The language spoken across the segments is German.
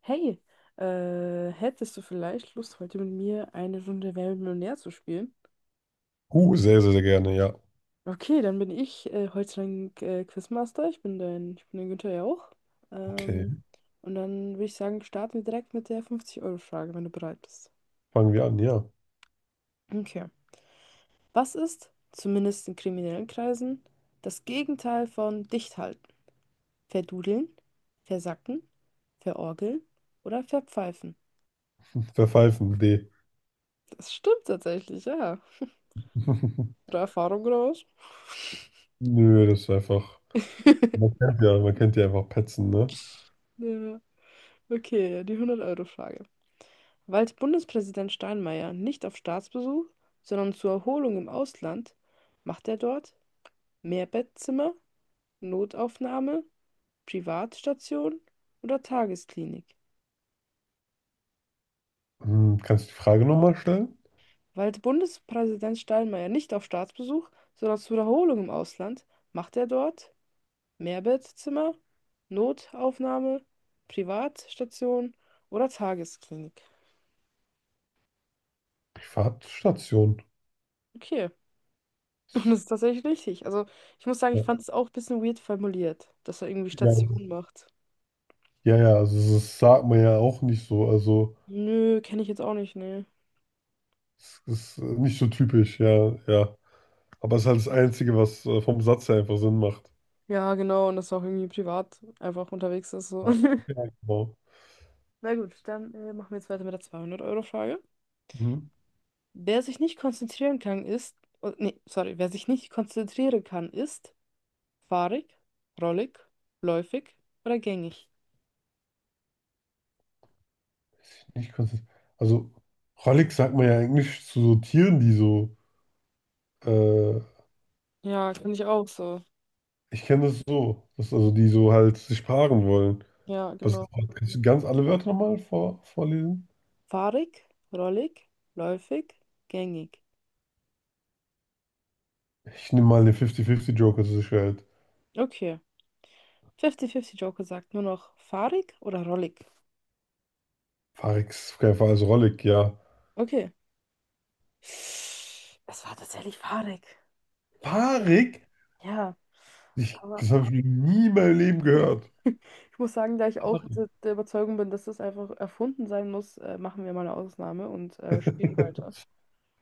Hey, hättest du vielleicht Lust, heute mit mir eine Runde Wer wird Millionär zu spielen? Sehr, sehr, sehr gerne, ja. Okay, dann bin ich heute dein Quizmaster. Ich bin der Günther ja auch. Okay, Ähm, und dann würde ich sagen, starten wir direkt mit der 50-Euro-Frage, wenn du bereit bist. fangen wir an, ja. Okay. Was ist, zumindest in kriminellen Kreisen, das Gegenteil von dicht halten? Verdudeln, versacken, verorgeln oder verpfeifen? Verpfeifen, D. Das stimmt tatsächlich, ja. Oder Erfahrung raus. Nö, das ist einfach. Man kennt ja einfach Petzen, ne? Ja. Okay, die 100-Euro-Frage. Weilt Bundespräsident Steinmeier nicht auf Staatsbesuch, sondern zur Erholung im Ausland, macht er dort Mehrbettzimmer, Notaufnahme, Privatstation oder Tagesklinik? Hm, kannst du die Frage nochmal stellen? Weilt Bundespräsident Steinmeier nicht auf Staatsbesuch, sondern zur Erholung im Ausland, macht er dort Mehrbettzimmer, Notaufnahme, Privatstation oder Tagesklinik? Privatstation. Okay. Und das ist tatsächlich richtig. Also, ich muss sagen, ich Ja, fand es auch ein bisschen weird formuliert, dass er irgendwie ja, Station macht. ja, ja, also das sagt man ja auch nicht so. Also, Nö, kenne ich jetzt auch nicht, nee. es ist nicht so typisch, ja, ja. Aber es ist halt das Einzige, was vom Satz her einfach Sinn macht. Ja, genau, und dass er auch irgendwie privat einfach unterwegs ist, so. Ja, ja, genau. Na gut, dann machen wir jetzt weiter mit der 200-Euro-Frage. Mhm. Wer sich nicht konzentrieren kann, ist. Oh, nee, sorry, wer sich nicht konzentrieren kann, ist fahrig, rollig, läufig oder gängig. Nicht konsistent. Also, rollig sagt man ja eigentlich zu so Tieren, die so äh, Ja, finde ich auch so. ich kenne das so, dass also die so halt sich paaren wollen. Ja, Was, genau. kannst du ganz alle Wörter nochmal vorlesen? Fahrig, rollig, läufig, gängig. Ich nehme mal den 50-50-Joker zu zur Sicherheit. Okay. 50-50 Joker sagt nur noch fahrig oder rollig. Farix, auf keinen Fall, also rollig, ja. Okay. Es war tatsächlich fahrig. Farik? Ja. Ich, Aber das habe ich noch nie in meinem Leben gehört. ich muss sagen, da ich auch der Überzeugung bin, dass das einfach erfunden sein muss, machen wir mal eine Ausnahme und spielen weiter.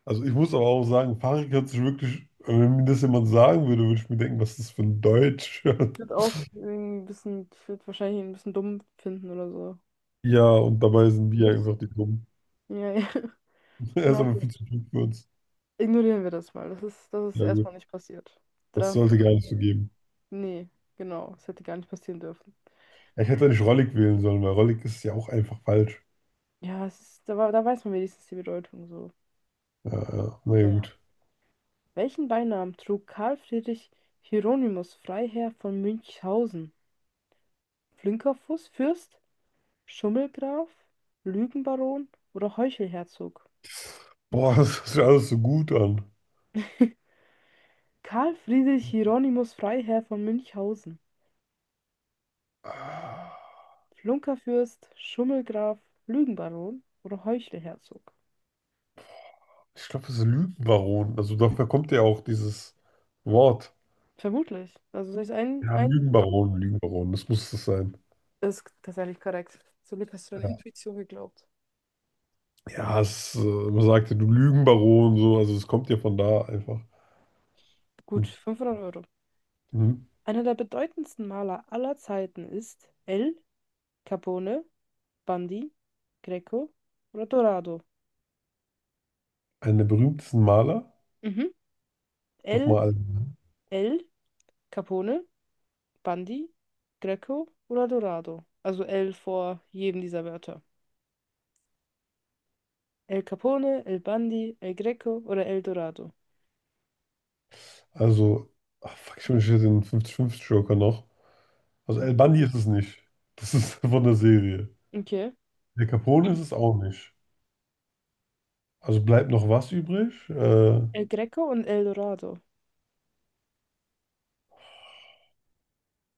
Also ich muss aber auch sagen, Farik hört sich wirklich, also wenn mir das jemand sagen würde, würde ich mir denken, was ist das für ein Deutsch? Ich würde auch irgendwie ein bisschen, ich würde wahrscheinlich ihn ein bisschen dumm finden oder so. Ja, und Was dabei sind wir redest einfach die du? Dummen. Ja, ja. Er ist Na aber viel gut. zu klug für uns. Ignorieren wir das mal. Das ist Ja gut, erstmal nicht passiert. das 300 sollte gar nicht so geben. Nee, genau. Es hätte gar nicht passieren dürfen. Ja, ich hätte nicht rollig wählen sollen, weil rollig ist ja auch einfach falsch. Ja, es ist, da, da weiß man wenigstens die Bedeutung so. Ja, ja, naja, Naja. gut. Welchen Beinamen trug Karl Friedrich Hieronymus Freiherr von Münchhausen? Flinkerfuß, Fürst, Schummelgraf, Lügenbaron oder Heuchelherzog? Boah, das hört sich alles so gut an. Karl Friedrich Hieronymus Freiherr von Münchhausen. Ah, Flunkerfürst, Schummelgraf, Lügenbaron oder Heuchelherzog? ich glaube, das ist Lügenbaron. Also dafür kommt ja auch dieses Wort. Vermutlich. Also soll ich ein, Ja, ein... Lügenbaron, Lügenbaron, das muss das sein. Das ist tatsächlich korrekt. Zum Glück hast du deine Ja, Intuition geglaubt. ja es, äh, man sagte, du Lügenbaron, so, also es kommt ja von da einfach. Gut, 500 Euro. Mhm. Einer der bedeutendsten Maler aller Zeiten ist El Capone, Bundy, Greco oder Dorado. Einer der berühmtesten Maler, Mhm. nochmal, El, El Capone, Bundy, Greco oder Dorado. Also El vor jedem dieser Wörter. El Capone, El Bundy, El Greco oder El Dorado. also, ach, fuck, ich wünsche den 50-50-Joker noch. Also El Mhm. Bundy ist es nicht. Das ist von der Serie. Okay. El Capone ist es auch nicht. Also bleibt noch was übrig? El Greco und El Dorado.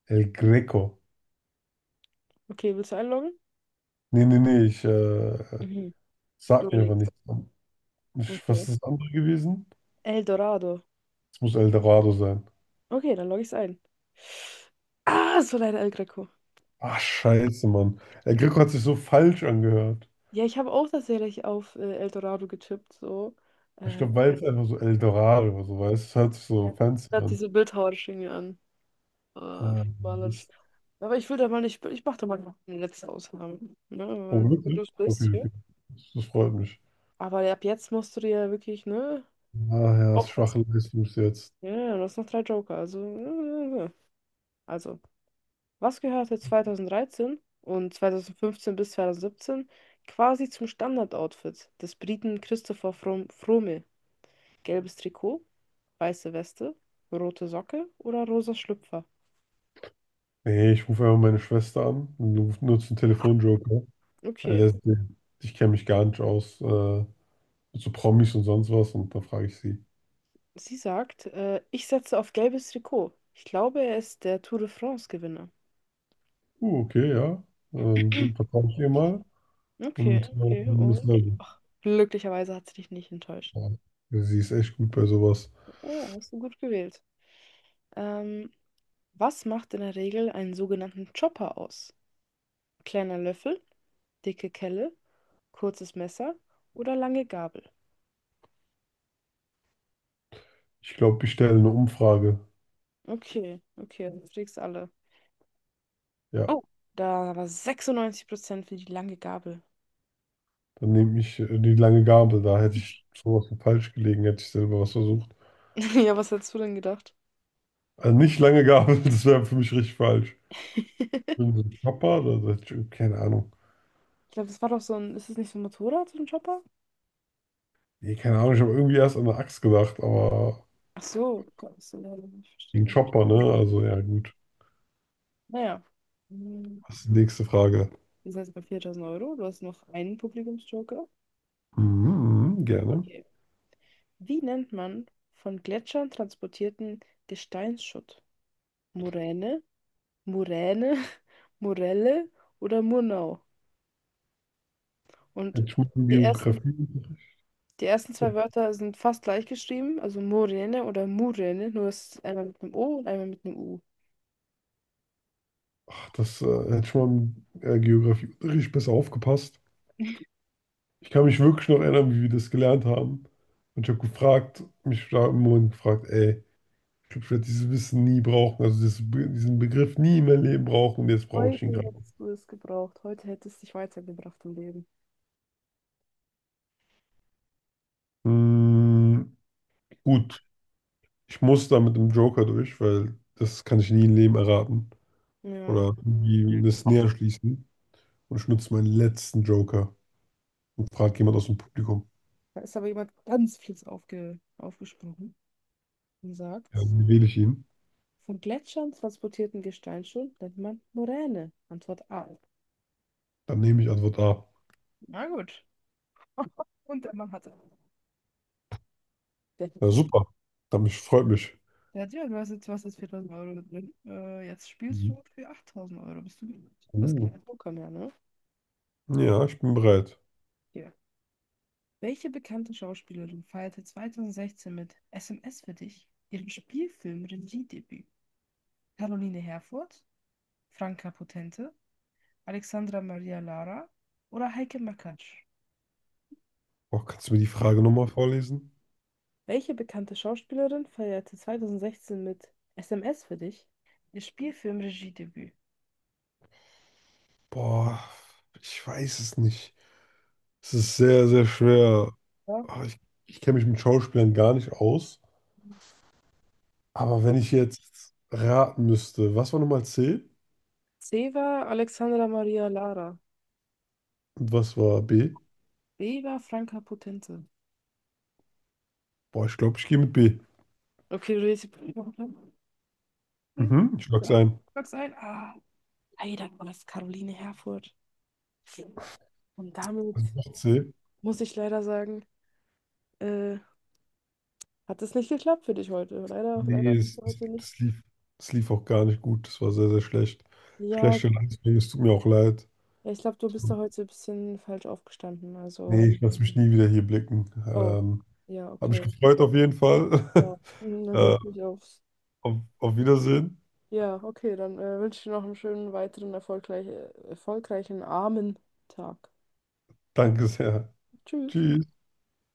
El Greco. Okay, willst du einloggen? Nee, nee, nee, ich Mhm. Du sag mir aber überlegst. nichts. Ich, was Okay. ist das andere gewesen? El Dorado. Es muss El Dorado sein. Okay, dann logge ich es ein. Ah, es war leider El Greco. Ach, scheiße, Mann. El Greco hat sich so falsch angehört. Ja, ich habe auch tatsächlich auf Eldorado getippt, so. Ich Äh, glaube, auf- weil es einfach so El Dorado oder so weiß. Es hört sich so ja. fancy Da hat sich an. so bildhauerisch irgendwie an. Äh, Äh, Malerisch. ist, Aber ich will da mal nicht, ich mache da mal noch eine letzte Ausnahme. Ne? oh, Weil du wirklich? das bist Okay, hier. okay. Das, das freut mich. Aber ab jetzt musst du dir ja wirklich, ne? Ah ja, das schwache Aufpassen. Leistung bis jetzt. Ja, ja, du hast noch drei Joker. Äh, also, was gehörte 2013 und 2015 bis 2017 quasi zum Standardoutfit des Briten Christopher Froome? Gelbes Trikot, weiße Weste, rote Socke oder rosa Schlüpfer? Nee, ich rufe einfach meine Schwester an und nutze einen Telefonjoker. Weil Okay, das, ich kenne mich gar nicht aus mit so Promis und sonst was und da frage ich sie, sie sagt, ich setze auf gelbes Trikot. Ich glaube, er ist der Tour de France-Gewinner. Okay, ja, Glück vertraue ich ihr mal Okay, und okay, ist und neu. ach, glücklicherweise hat sie dich nicht enttäuscht. Ja, sie ist echt gut bei sowas. Ja, hast du gut gewählt. Ähm, Was macht in der Regel einen sogenannten Chopper aus? Kleiner Löffel, dicke Kelle, kurzes Messer oder lange Gabel? Ich glaube, ich stelle eine Umfrage. Okay, okay, du kriegst alle. Ja, Oh, da war 96% für die lange Gabel. dann nehme ich die lange Gabel, da hätte ich sowas von falsch gelegen, hätte ich selber was versucht. Ja, was hättest du denn gedacht? Also nicht lange Gabel, das wäre für mich richtig falsch. Wenn so ein Chopper, da hätte ich, irgendwie- keine Ahnung. Ich glaube, das war doch so ein. Ist es nicht so ein Motorrad, so ein Chopper? Nee, keine Ahnung, ich habe irgendwie erst an eine Axt gedacht, aber Ach so, Gott, das ist ja leider nicht gegen verstehen. Chopper, ne? Also ja, gut. Naja. Hm, Was? Ist die nächste Frage. Wir sind jetzt bei 4.000 Euro. Du hast noch einen Publikumsjoker. Mhm, gerne. Okay. Wie nennt man von Gletschern transportierten Gesteinsschutt? Moräne, Moräne, Morelle oder Murnau? Und Hätte ich mal im die ersten Geografieunterricht, Die ersten zwei Wörter sind fast gleich geschrieben, also Morene oder Murene, nur es ist einmal mit einem O und einmal mit einem U. ach, das hätte ich mal im Geografieunterricht besser aufgepasst. Ich kann mich wirklich noch erinnern, wie wir das gelernt haben. Und ich habe gefragt, mich da im Moment gefragt, ey, ich glaube, ich werde dieses Wissen nie brauchen, also dieses, diesen Begriff nie in meinem Leben brauchen und jetzt brauche ich Heute ihn gerade. hättest du es gebraucht. Heute hättest du dich weitergebracht im Leben. Hm, gut, ich muss da mit dem Joker durch, weil das kann ich nie im Leben erraten Ja. oder Ja. irgendwie das näher schließen. Und ich nutze meinen letzten Joker und fragt jemand aus dem Publikum, Da ist aber jemand ganz fies aufgesprungen und sagt, ja, wie wähle ich ihn? von Gletschern transportierten Gesteinsschutt nennt man Moräne. Antwort A. Dann nehme ich Antwort A. Na gut. Und der Mann hatte. Der hätte Ja, es- super. Dann freut mich. Der hat ja, du hast jetzt was ist 4.000 Euro da drin. Jetzt spielst Mhm. du für 8.000 Euro. Bist du gut? Das ist Uh, kein Poker mehr, ne? ja, ich bin bereit. Ja. Welche bekannte Schauspielerin feierte 2016 mit SMS für dich ihren Spielfilm-Regiedebüt? Caroline Herfurth, Franka Potente, Alexandra Maria Lara oder Heike Makatsch? Boah, kannst du mir die Frage nochmal vorlesen? Welche bekannte Schauspielerin feierte 2016 mit SMS für dich ihr Spielfilm-Regiedebüt? Boah, ich weiß es nicht. Es ist sehr, sehr schwer. Ja. Ah, ich kenne mich mit Schauspielern gar nicht aus. Aber wenn ich jetzt raten müsste, was war nochmal C C war Alexandra Maria Lara. und was war B? B war Franka Potente. Boah, ich glaube, ich gehe mit B. Okay, du redest. Mhm, ich log's ein. Sag's ein. Ah, leider war es Caroline Herfurth. Und damit Also noch C. muss ich leider sagen, äh, hat es nicht geklappt für dich heute. Leider, leider Nee, bist du heute nicht. Das lief auch gar nicht gut. Das war sehr, sehr schlecht. Ja, Schlechte Leistung, es tut mir auch leid. ja, ich glaube, du bist da heute ein bisschen falsch aufgestanden. Nee, Also, ich lasse mich nie wieder hier blicken. oh, ja, Habe mich okay. gefreut auf jeden Fall. Ja, na äh, gut, nicht aufs. Auf Wiedersehen. Ja, okay, dann wünsche ich dir noch einen schönen weiteren erfolgreichen Armen Tag. Danke sehr. Tschüss. Tschüss.